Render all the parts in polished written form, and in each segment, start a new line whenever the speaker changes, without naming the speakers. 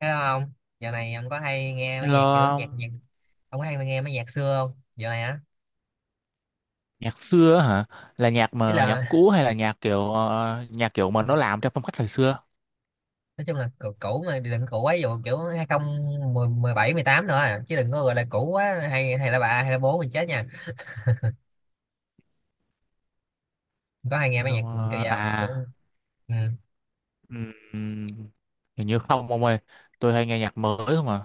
Hello ông, dạo này ông có hay nghe mấy
Hello,
nhạc kiểu nhạc nhạc
ông.
ông có hay nghe mấy nhạc xưa không? Dạo này á,
Nhạc xưa á hả? Là nhạc
ý
mà nhạc
là
cũ hay là nhạc kiểu nhạc kiểu mà nó làm theo phong cách thời xưa?
nói chung là cũ, cũ mà đừng cũ quá, ví dụ kiểu hai không một bảy mười tám nữa à. Chứ đừng có gọi là cũ quá hay hay là bà hay là bố mình chết nha. Ông có hay nghe mấy nhạc
Không,
kiểu vậy không? Kiểu, ừ.
ừm, hình như không ông ơi. Tôi hay nghe nhạc mới không à.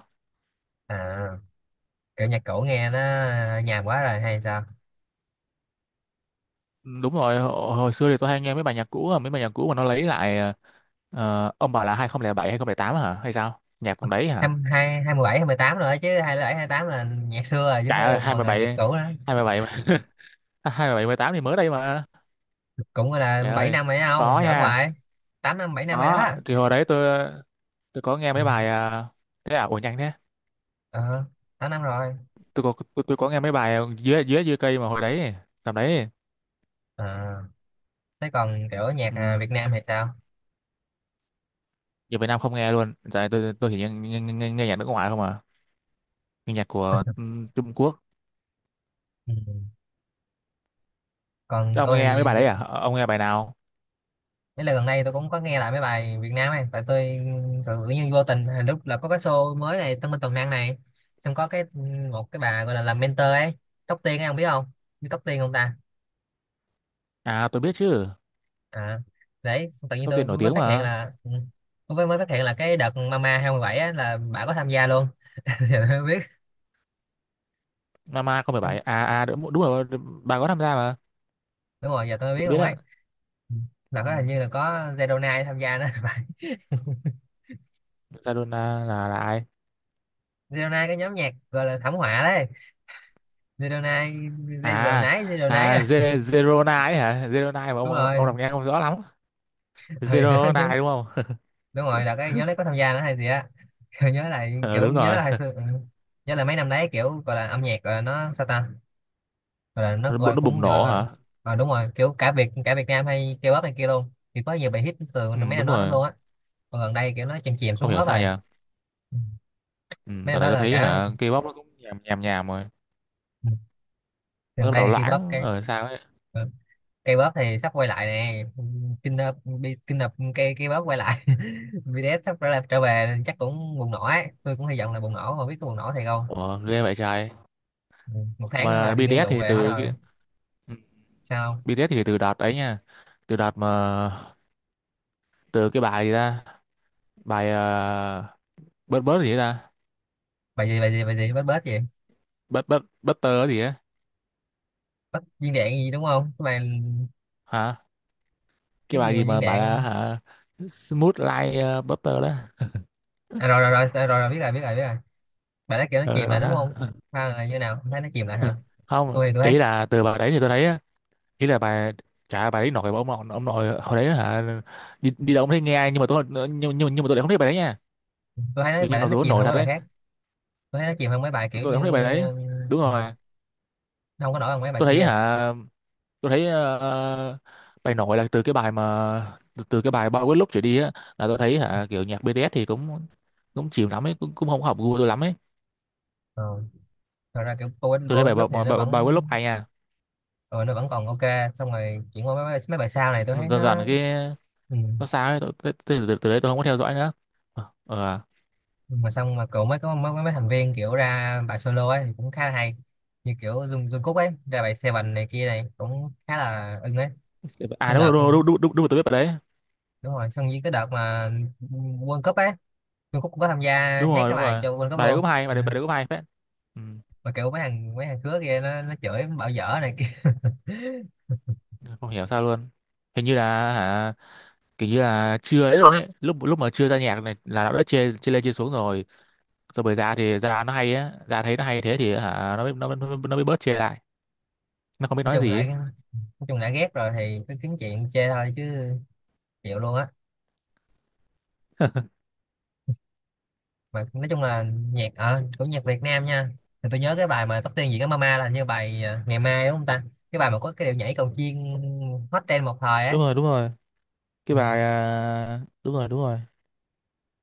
À, kiểu nhạc cũ nghe nó nhàm quá rồi hay sao?
Đúng rồi, hồi xưa thì tôi hay nghe mấy bài nhạc cũ, mà nó lấy lại ông bảo là 2007 2008 hả? Hay sao? Nhạc tầm đấy
Hai
hả?
hai hai mười bảy hai mười tám rồi, chứ hai bảy hai tám là nhạc xưa rồi chứ không
Trời
phải là
ơi,
ngồi là nhạc
27
cũ đó.
27 27 18 thì mới đây mà.
Cũng gọi là
Trời
7
ơi,
năm rồi đó, không
có
giỡn
nha.
hoài. Tám năm 7 năm rồi
Có,
đó.
thì hồi đấy tôi có nghe
Ừ.
mấy bài thế à, ủa nhanh thế.
Ờ, tám năm rồi.
Tôi có nghe mấy bài dưới dưới dưới cây mà hồi đấy tầm đấy.
À thế còn kiểu nhạc
Ừ.
à, Việt Nam hay sao.
Giờ Việt Nam không nghe luôn. Giờ này tôi chỉ nghe nhạc nước ngoài không à, nghe nhạc của Trung Quốc.
Ừ. Còn
Ông
tôi
nghe mấy bài
thì
đấy à? Ờ, ông nghe bài nào?
đấy là gần đây tôi cũng có nghe lại mấy bài Việt Nam ấy, tại tôi tự nhiên vô tình à, lúc là có cái show mới này Tân Minh Tuần Năng này, xong có cái một cái bà gọi là làm mentor ấy, Tóc Tiên ấy ông biết không, biết Tóc Tiên không ta.
À, tôi biết chứ.
À đấy xong tự nhiên
Tóc
tôi
Tiên nổi
mới
tiếng
phát hiện
mà.
là tôi mới mới phát hiện là cái đợt Mama 27 á là bà có tham gia luôn. Giờ tôi mới biết.
Mama không phải bài à, đúng rồi, bà có tham gia mà.
Đúng rồi, giờ tôi mới biết
Tôi biết
luôn
ạ.
ấy. Ừ. Là
Ừ.
có, hình như là có Zero Nine tham gia đó.
Maradona là ai?
Zero Nine cái nhóm nhạc gọi là thảm họa đấy, Zero Nine. Zero
à
Nine Zero Nine
à
à.
Ze- Zerona ấy hả? Zerona mà ông
Đúng
ông
rồi,
đọc nghe không rõ lắm.
ừ, đó, nhóm,
Zerona đúng không?
đúng rồi là cái nhóm đấy có tham gia nữa hay gì á. Nhớ lại
Ờ,
kiểu
đúng
nhớ
rồi.
là hồi xưa, ừ. Nhớ là mấy năm đấy kiểu gọi là âm nhạc gọi là nó sao ta, gọi là nó
nó,
gọi
bu-
là
nó
cũng
bùng
gọi
nổ
là
hả?
à, đúng rồi, kiểu cả Việt Nam hay K-pop này kia luôn thì có nhiều bài hit từ
Ừ,
mấy năm
đúng
đó lắm
rồi.
luôn á. Còn gần đây kiểu nó chìm chìm
Không
xuống
hiểu
bớt
sao
rồi.
nhỉ.
Ừ,
Ừ,
mấy
tại
năm
này
đó
tôi
là
thấy
cả,
hả, K-pop nó cũng nhàm nhàm nhàm rồi.
ừ,
Nó
gần
bắt đầu
đây thì K-pop
loãng
cái,
ở sao ấy.
ừ, cây bóp thì sắp quay lại nè. Kinh nập bi- kinh nập cây cây bóp quay lại. BTS sắp trở lại trở về chắc cũng bùng nổ ấy, tôi cũng hy vọng là bùng nổ, không biết có bùng nổ thiệt không.
Ủa, ghê vậy trời.
Ừ, một tháng nữa là
Mà
đi nghĩa
BTS
vụ
thì
về hết
từ
rồi.
cái ừ,
Sao không?
BTS thì từ đợt ấy nha. Từ đợt mà từ cái bài gì ta? Bài bớt bớt gì ấy ta?
Bài gì bết bết gì,
Bớt bớt butter gì á?
bết viên đạn gì đúng không cái bài,
Hả? Cái
cái gì
bài
mà
gì
viên
mà bảo là
đạn.
hả? Smooth like butter đó.
À, rồi, rồi rồi rồi rồi biết rồi biết rồi. Bài đó kiểu nó
Ờ,
chìm lại đúng
đó.
không, hay là như nào. Không thấy nó chìm lại hả.
Không,
Tôi thấy,
ý là từ bài đấy thì tôi thấy, ý là bà, chả bà ấy, nội bà, ông nội, ông nội hồi đấy hả, đi đâu không thấy nghe ai, nhưng mà tôi, nhưng mà tôi lại không thấy bà đấy nha.
tôi thấy nó-
Tự
bài
nhiên
đó
mặc
nó
dù ông
chìm
nội
hơn
thật
mấy bài
đấy,
khác. Tôi thấy nó chìm hơn mấy bài
tôi,
kiểu
tôi lại
như,
không thấy bà đấy.
ừ,
Đúng rồi,
không có nổi hơn mấy bài
tôi thấy
kia.
hả, tôi thấy bài nổi là từ cái bài mà từ cái bài bao quát lúc trở đi á, là tôi thấy hả kiểu nhạc BTS thì cũng cũng chịu lắm ấy, cũng không hợp gu tôi lắm ấy.
Ờ. Thật ra kiểu vô ích
Tôi
vô
thấy
ích
bài
lớp
bài
thì
bài,
nó
bao
vẫn,
bài quên lúc hay nha.
ừ, nó vẫn còn ok. Xong rồi chuyển qua mấy bài sau này tôi thấy
Dần dần
nó,
cái
ừ.
nó sao ấy, từ đấy tôi không có theo dõi nữa. Ờ.
Mà xong mà cậu mới có mấy thành viên kiểu ra bài solo ấy thì cũng khá là hay, như kiểu Jungkook ấy ra bài Seven này kia này cũng khá là ưng ấy.
À,
Xong
đúng
đợt,
đúng đúng đúng, đúng, đúng, rồi, tôi biết bài đấy.
đúng rồi, xong với cái đợt mà World Cup ấy Jungkook cũng có tham gia
Đúng
hát
rồi,
cái
đúng
bài
rồi,
cho World Cup luôn.
bài
Ừ.
đấy, bài đấy cũng hay phết. Ừ.
Mà kiểu mấy thằng khứa kia nó chửi bảo dở này kia.
Không hiểu sao luôn. Hình như là hả kiểu như là chưa ấy rồi ấy lúc lúc mà chưa ra nhạc này là nó đã chê chê lên chê xuống rồi. Rồi bởi ra thì ra nó hay á, ra thấy nó hay thế thì hả, nó mới bớt chê lại, nó không biết
Nói
nói
chung
gì
lại
ấy.
nói chung đã ghét rồi thì cứ kiếm chuyện chê thôi chứ, chịu luôn á. Mà nói chung là nhạc ở của nhạc Việt Nam nha, thì tôi nhớ cái bài mà tóc tiên gì cái Mama là như bài à, ngày mai đúng không ta, cái bài mà có cái điệu nhảy cầu chiên, hot trend một thời á.
Đúng rồi, đúng rồi, cái
Ừ.
bài đúng rồi, đúng rồi.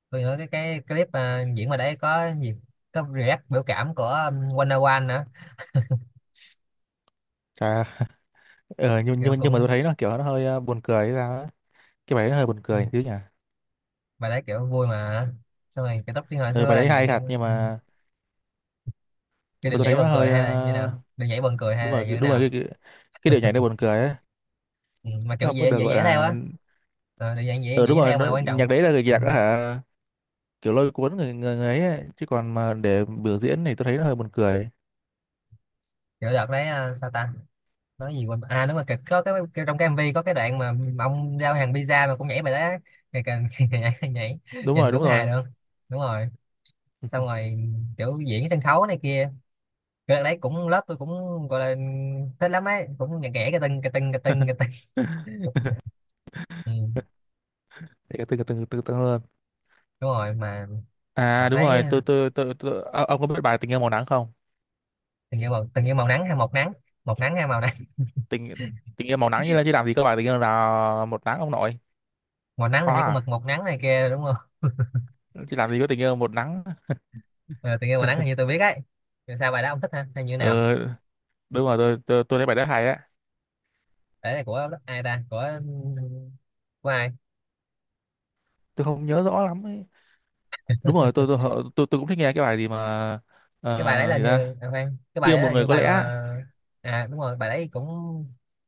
Tôi nhớ cái clip à, diễn mà đấy có gì, có react biểu cảm của Wanna One nữa.
Chà. ờ, nhưng nhưng
Kiểu
mà- nhưng mà tôi
cũng,
thấy nó kiểu nó hơi buồn cười hay sao á. Cái bài đấy nó hơi buồn
ừ,
cười xíu nhỉ.
bài đấy kiểu vui mà ờ. Xong rồi cái tóc tiên hồi
Ừ,
xưa
bài
là
đấy
dạng,
hay thật
ừ, cái
nhưng mà
điệu
tôi
nhảy
thấy nó
buồn cười
hơi
hay là như nào, điệu nhảy buồn cười hay
đúng
là
rồi,
như thế
đúng rồi,
nào.
cái điệu nhảy nó buồn cười ấy,
Ừ. Mà kiểu
nó không có
dễ
được
dễ
gọi
nhảy theo
là.
á. Ờ, điệu nhảy dễ
Ừ,
dễ
đúng
nhảy
rồi,
theo mà
nó
quan
nhạc
trọng,
đấy là
ừ.
nhạc á hả kiểu lôi cuốn người, người ấy ấy, chứ còn mà để biểu diễn thì tôi thấy nó hơi buồn cười.
Kiểu đợt đấy à, sao ta, nói gì quên, à đúng rồi cái- có cái trong cái MV có cái đoạn mà ông giao hàng pizza mà cũng nhảy bài đó á. Ngày càng nhảy,
Đúng
nhìn
rồi,
đúng
đúng
hài
rồi.
luôn. Đúng rồi, xong rồi kiểu diễn sân khấu này kia, cái đấy cũng lớp tôi cũng gọi là thích lắm ấy, cũng nhạc ghẻ cái tưng cái tưng cái tưng cái tưng. Ừ,
Để từng từng từng từng luôn.
đúng rồi mà
À
đọc
đúng
đấy,
rồi, tôi ông có biết bài Tình Yêu Màu Nắng không?
từng như màu nắng hay một nắng, một nắng hay màu nắng.
Tình tình yêu màu nắng, như là chứ làm gì có bài tình yêu là một nắng ông nội.
Màu nắng
Có
là chỉ có mực
à?
một nắng này kia đúng không.
Chứ làm gì có tình yêu một nắng.
Ờ, từng như màu nắng là như tôi biết ấy. Rồi sao bài đó ông thích ha hay như thế
Ừ,
nào.
đúng rồi, tôi thấy bài đó hay á.
Đấy là của ai ta, của ai.
Tôi không nhớ rõ lắm ấy. Đúng rồi, tôi cũng thích nghe cái bài gì mà
Cái bài đấy là
gì ta?
như à, khoan, cái bài
Yêu
đấy
một
là
người
như
có
bài
lẽ.
mà à đúng rồi, bài đấy cũng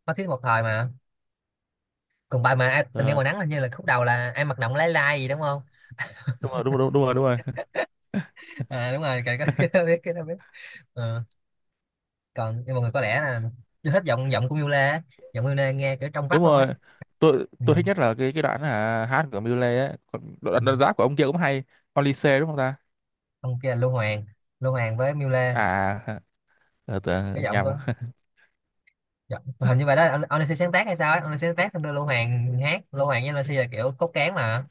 có thiết một thời mà. Còn bài mà ai, tình yêu màu nắng hình như là khúc đầu là em mặc động lái lai gì đúng không.
Đúng rồi, đúng rồi, đúng rồi, đúng rồi.
À đúng rồi cái cái đó biết. Ờ, còn nhưng mọi người có lẽ là chưa thích giọng giọng của Miu Lê á. Giọng Miu Lê nghe kiểu trong
Đúng
vắt luôn ấy.
rồi, tôi
Ừ.
tôi thích nhất là cái đoạn hát của Mule ấy, còn
Ừ.
đoạn rap của ông kia cũng hay. Olise đúng không ta?
Ông kia là Lưu Hoàng, Lưu Hoàng với Miu Lê.
À.
Cái
Tưởng
giọng
nhầm.
có, giọng hình như vậy đó ông Lê sáng tác hay sao ấy, ông Lê sáng tác xong đưa Lưu Hoàng hát, Lưu Hoàng với Lê là kiểu cốt cán mà.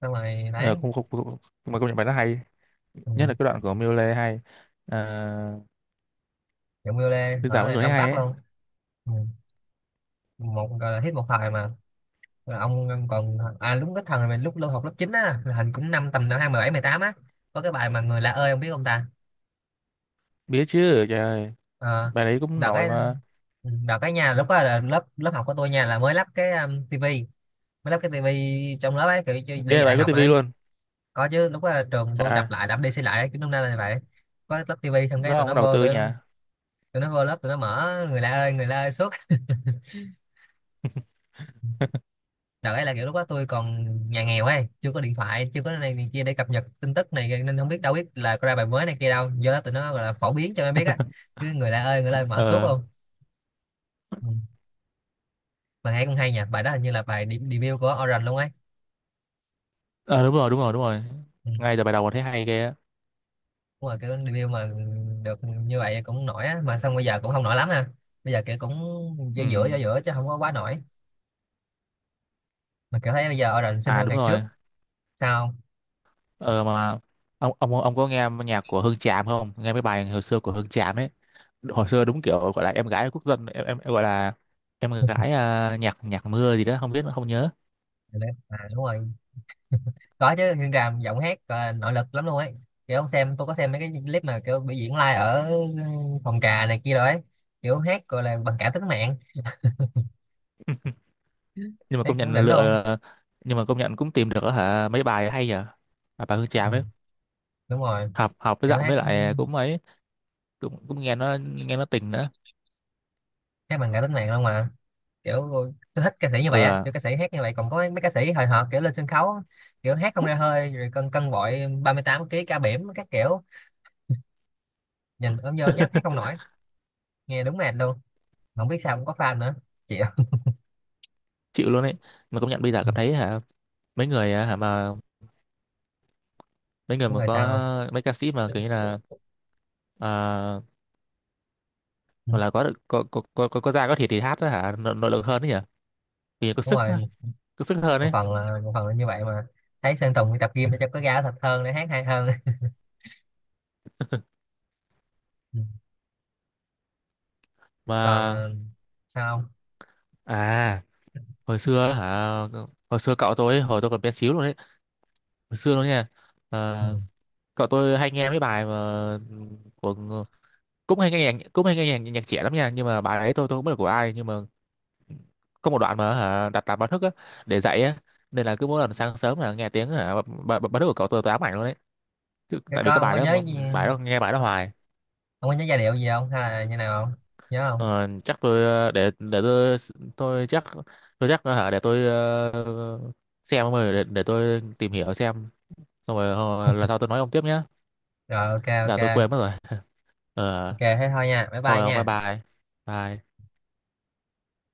Xong rồi
ờ,
đấy.
cũng không cũng, cũng, Mà công nhận bài đó hay,
Ừ.
nhất là cái đoạn của Mule hay. À,
Giọng Miu Lê
bây
hồi
giờ
đó
vẫn
là
còn thấy
trong
hay
vắt
ấy.
luôn. Ừ. Một gọi là hết một thời mà. Rồi ông còn à lúc cái thằng này lúc lâu học lớp 9 á là hình cũng năm tầm năm hai mười mười tám á, có cái bài mà người lạ ơi ông biết không ta.
Biết chứ, trời ơi,
Ờ
bài đấy cũng
đợt
nổi
cái,
mà.
ừ, đợt cái nhà lúc đó là lớp lớp học của tôi nha là mới lắp cái tivi, mới lắp cái tivi trong lớp ấy kiểu cho- để
Ghê là
dạy
bài có
học
tivi
đấy.
luôn.
Có chứ, lúc đó trường tôi
À,
đập đi xây lại ấy, kiểu năm nay là vậy, có lắp tivi xong
nó
cái tụi
không có
nó
đầu
vô
tư nhà.
tụi nó vô lớp tụi nó mở người lạ ơi suốt. Đợt ấy là kiểu lúc đó tôi còn nhà nghèo ấy, chưa có điện thoại chưa có này kia để cập nhật tin tức này nên không biết đâu, biết là có ra bài mới này kia đâu, do đó tụi nó gọi là phổ biến cho em biết á, chứ người lạ ơi người lạ mở suốt
Ờ.
luôn. Ừ. Bài hay cũng hay nhỉ, bài đó hình như là bài de- debut của Orange luôn ấy.
Ờ, đúng rồi, đúng rồi, đúng rồi,
Ừ.
ngay từ bài đầu còn thấy hay ghê á.
Đúng rồi kiểu debut mà được như vậy cũng nổi á, mà xong bây giờ cũng không nổi lắm ha, bây giờ kiểu cũng giữa
Ừ.
giữa giữa giữa chứ không có quá nổi, mà kiểu thấy bây giờ Orange xinh
À
hơn
đúng
ngày trước.
rồi.
Sao không?
Ờ mà ông có nghe nhạc của Hương Tràm không? Nghe mấy bài hồi xưa của Hương Tràm ấy. Hồi xưa đúng kiểu gọi là em gái quốc dân, em gọi là em gái nhạc nhạc mưa gì đó, không biết không nhớ.
À, đúng rồi. Có chứ, Nguyên Tràm giọng hát ờ, nội lực lắm luôn ấy, kiểu ông xem tôi có xem mấy cái clip mà kiểu biểu diễn live ở phòng trà này kia rồi ấy, kiểu hát gọi là bằng cả tính mạng,
Nhưng mà
hát
công
cũng
nhận
đỉnh luôn.
lựa, nhưng mà công nhận cũng tìm được hả mấy bài hay nhờ. Bà Hương
Ừ,
Tràm ấy,
đúng rồi
học học với
kiểu
giọng
hát,
với lại cũng ấy, cũng cũng nghe nó tình nữa.
hát bằng cả tính mạng luôn mà, kiểu tôi thích ca sĩ như
Ừ,
vậy á, kiểu ca sĩ hát như vậy, còn có mấy ca sĩ hồi hộp kiểu lên sân khấu kiểu hát không ra hơi rồi cân cân bội 38 kg ca bỉm các kiểu, nhìn ôm nhôm nhách hát không nổi, nghe đúng mệt luôn, không biết sao cũng có fan nữa, chịu.
chịu luôn ấy. Mà công nhận bây giờ cảm thấy hả, mấy người hả, mà mấy người
Đúng
mà
rồi
có,
sao không.
mấy ca sĩ mà kiểu như là à,
Ừ,
hoặc là có da có thịt thì hát đó hả, nội lực hơn đấy nhỉ, vì có
đúng
sức á,
rồi,
có sức hơn
một
ấy.
phần là một phần là như vậy mà, thấy Sơn Tùng đi tập gym để cho có ra thật hơn để hát hay hơn. Ừ. Còn
Mà
ờ, sao không.
à, hồi xưa hả, hồi xưa cậu tôi ấy, hồi tôi còn bé xíu luôn đấy, hồi xưa luôn nha.
Ừ.
Ờ, cậu tôi hay nghe mấy bài mà của, cũng hay nghe nhạc trẻ lắm nha, nhưng mà bài ấy tôi không biết là của ai, nhưng mà có một đoạn mà hả đặt làm báo thức á, để dậy á, nên là cứ mỗi lần sáng sớm là nghe tiếng hả báo thức của cậu, tôi ám ảnh luôn đấy.
Cái
Tại vì
có
cái
ông
bài
có
đó
nhớ
mà,
gì-
bài đó nghe bài đó hoài.
ông có nhớ giai điệu gì không hay là như nào không, nhớ không.
Ờ, chắc tôi để tôi chắc, tôi chắc hả, để tôi xem rồi, để tôi tìm hiểu xem, xong rồi lần sau tôi nói ông tiếp nhé.
Rồi ok,
Giờ tôi
ok,
quên mất rồi. Ờ.
ok thế thôi nha, bye bye
Thôi ông, bye
nha.
bye. Bye.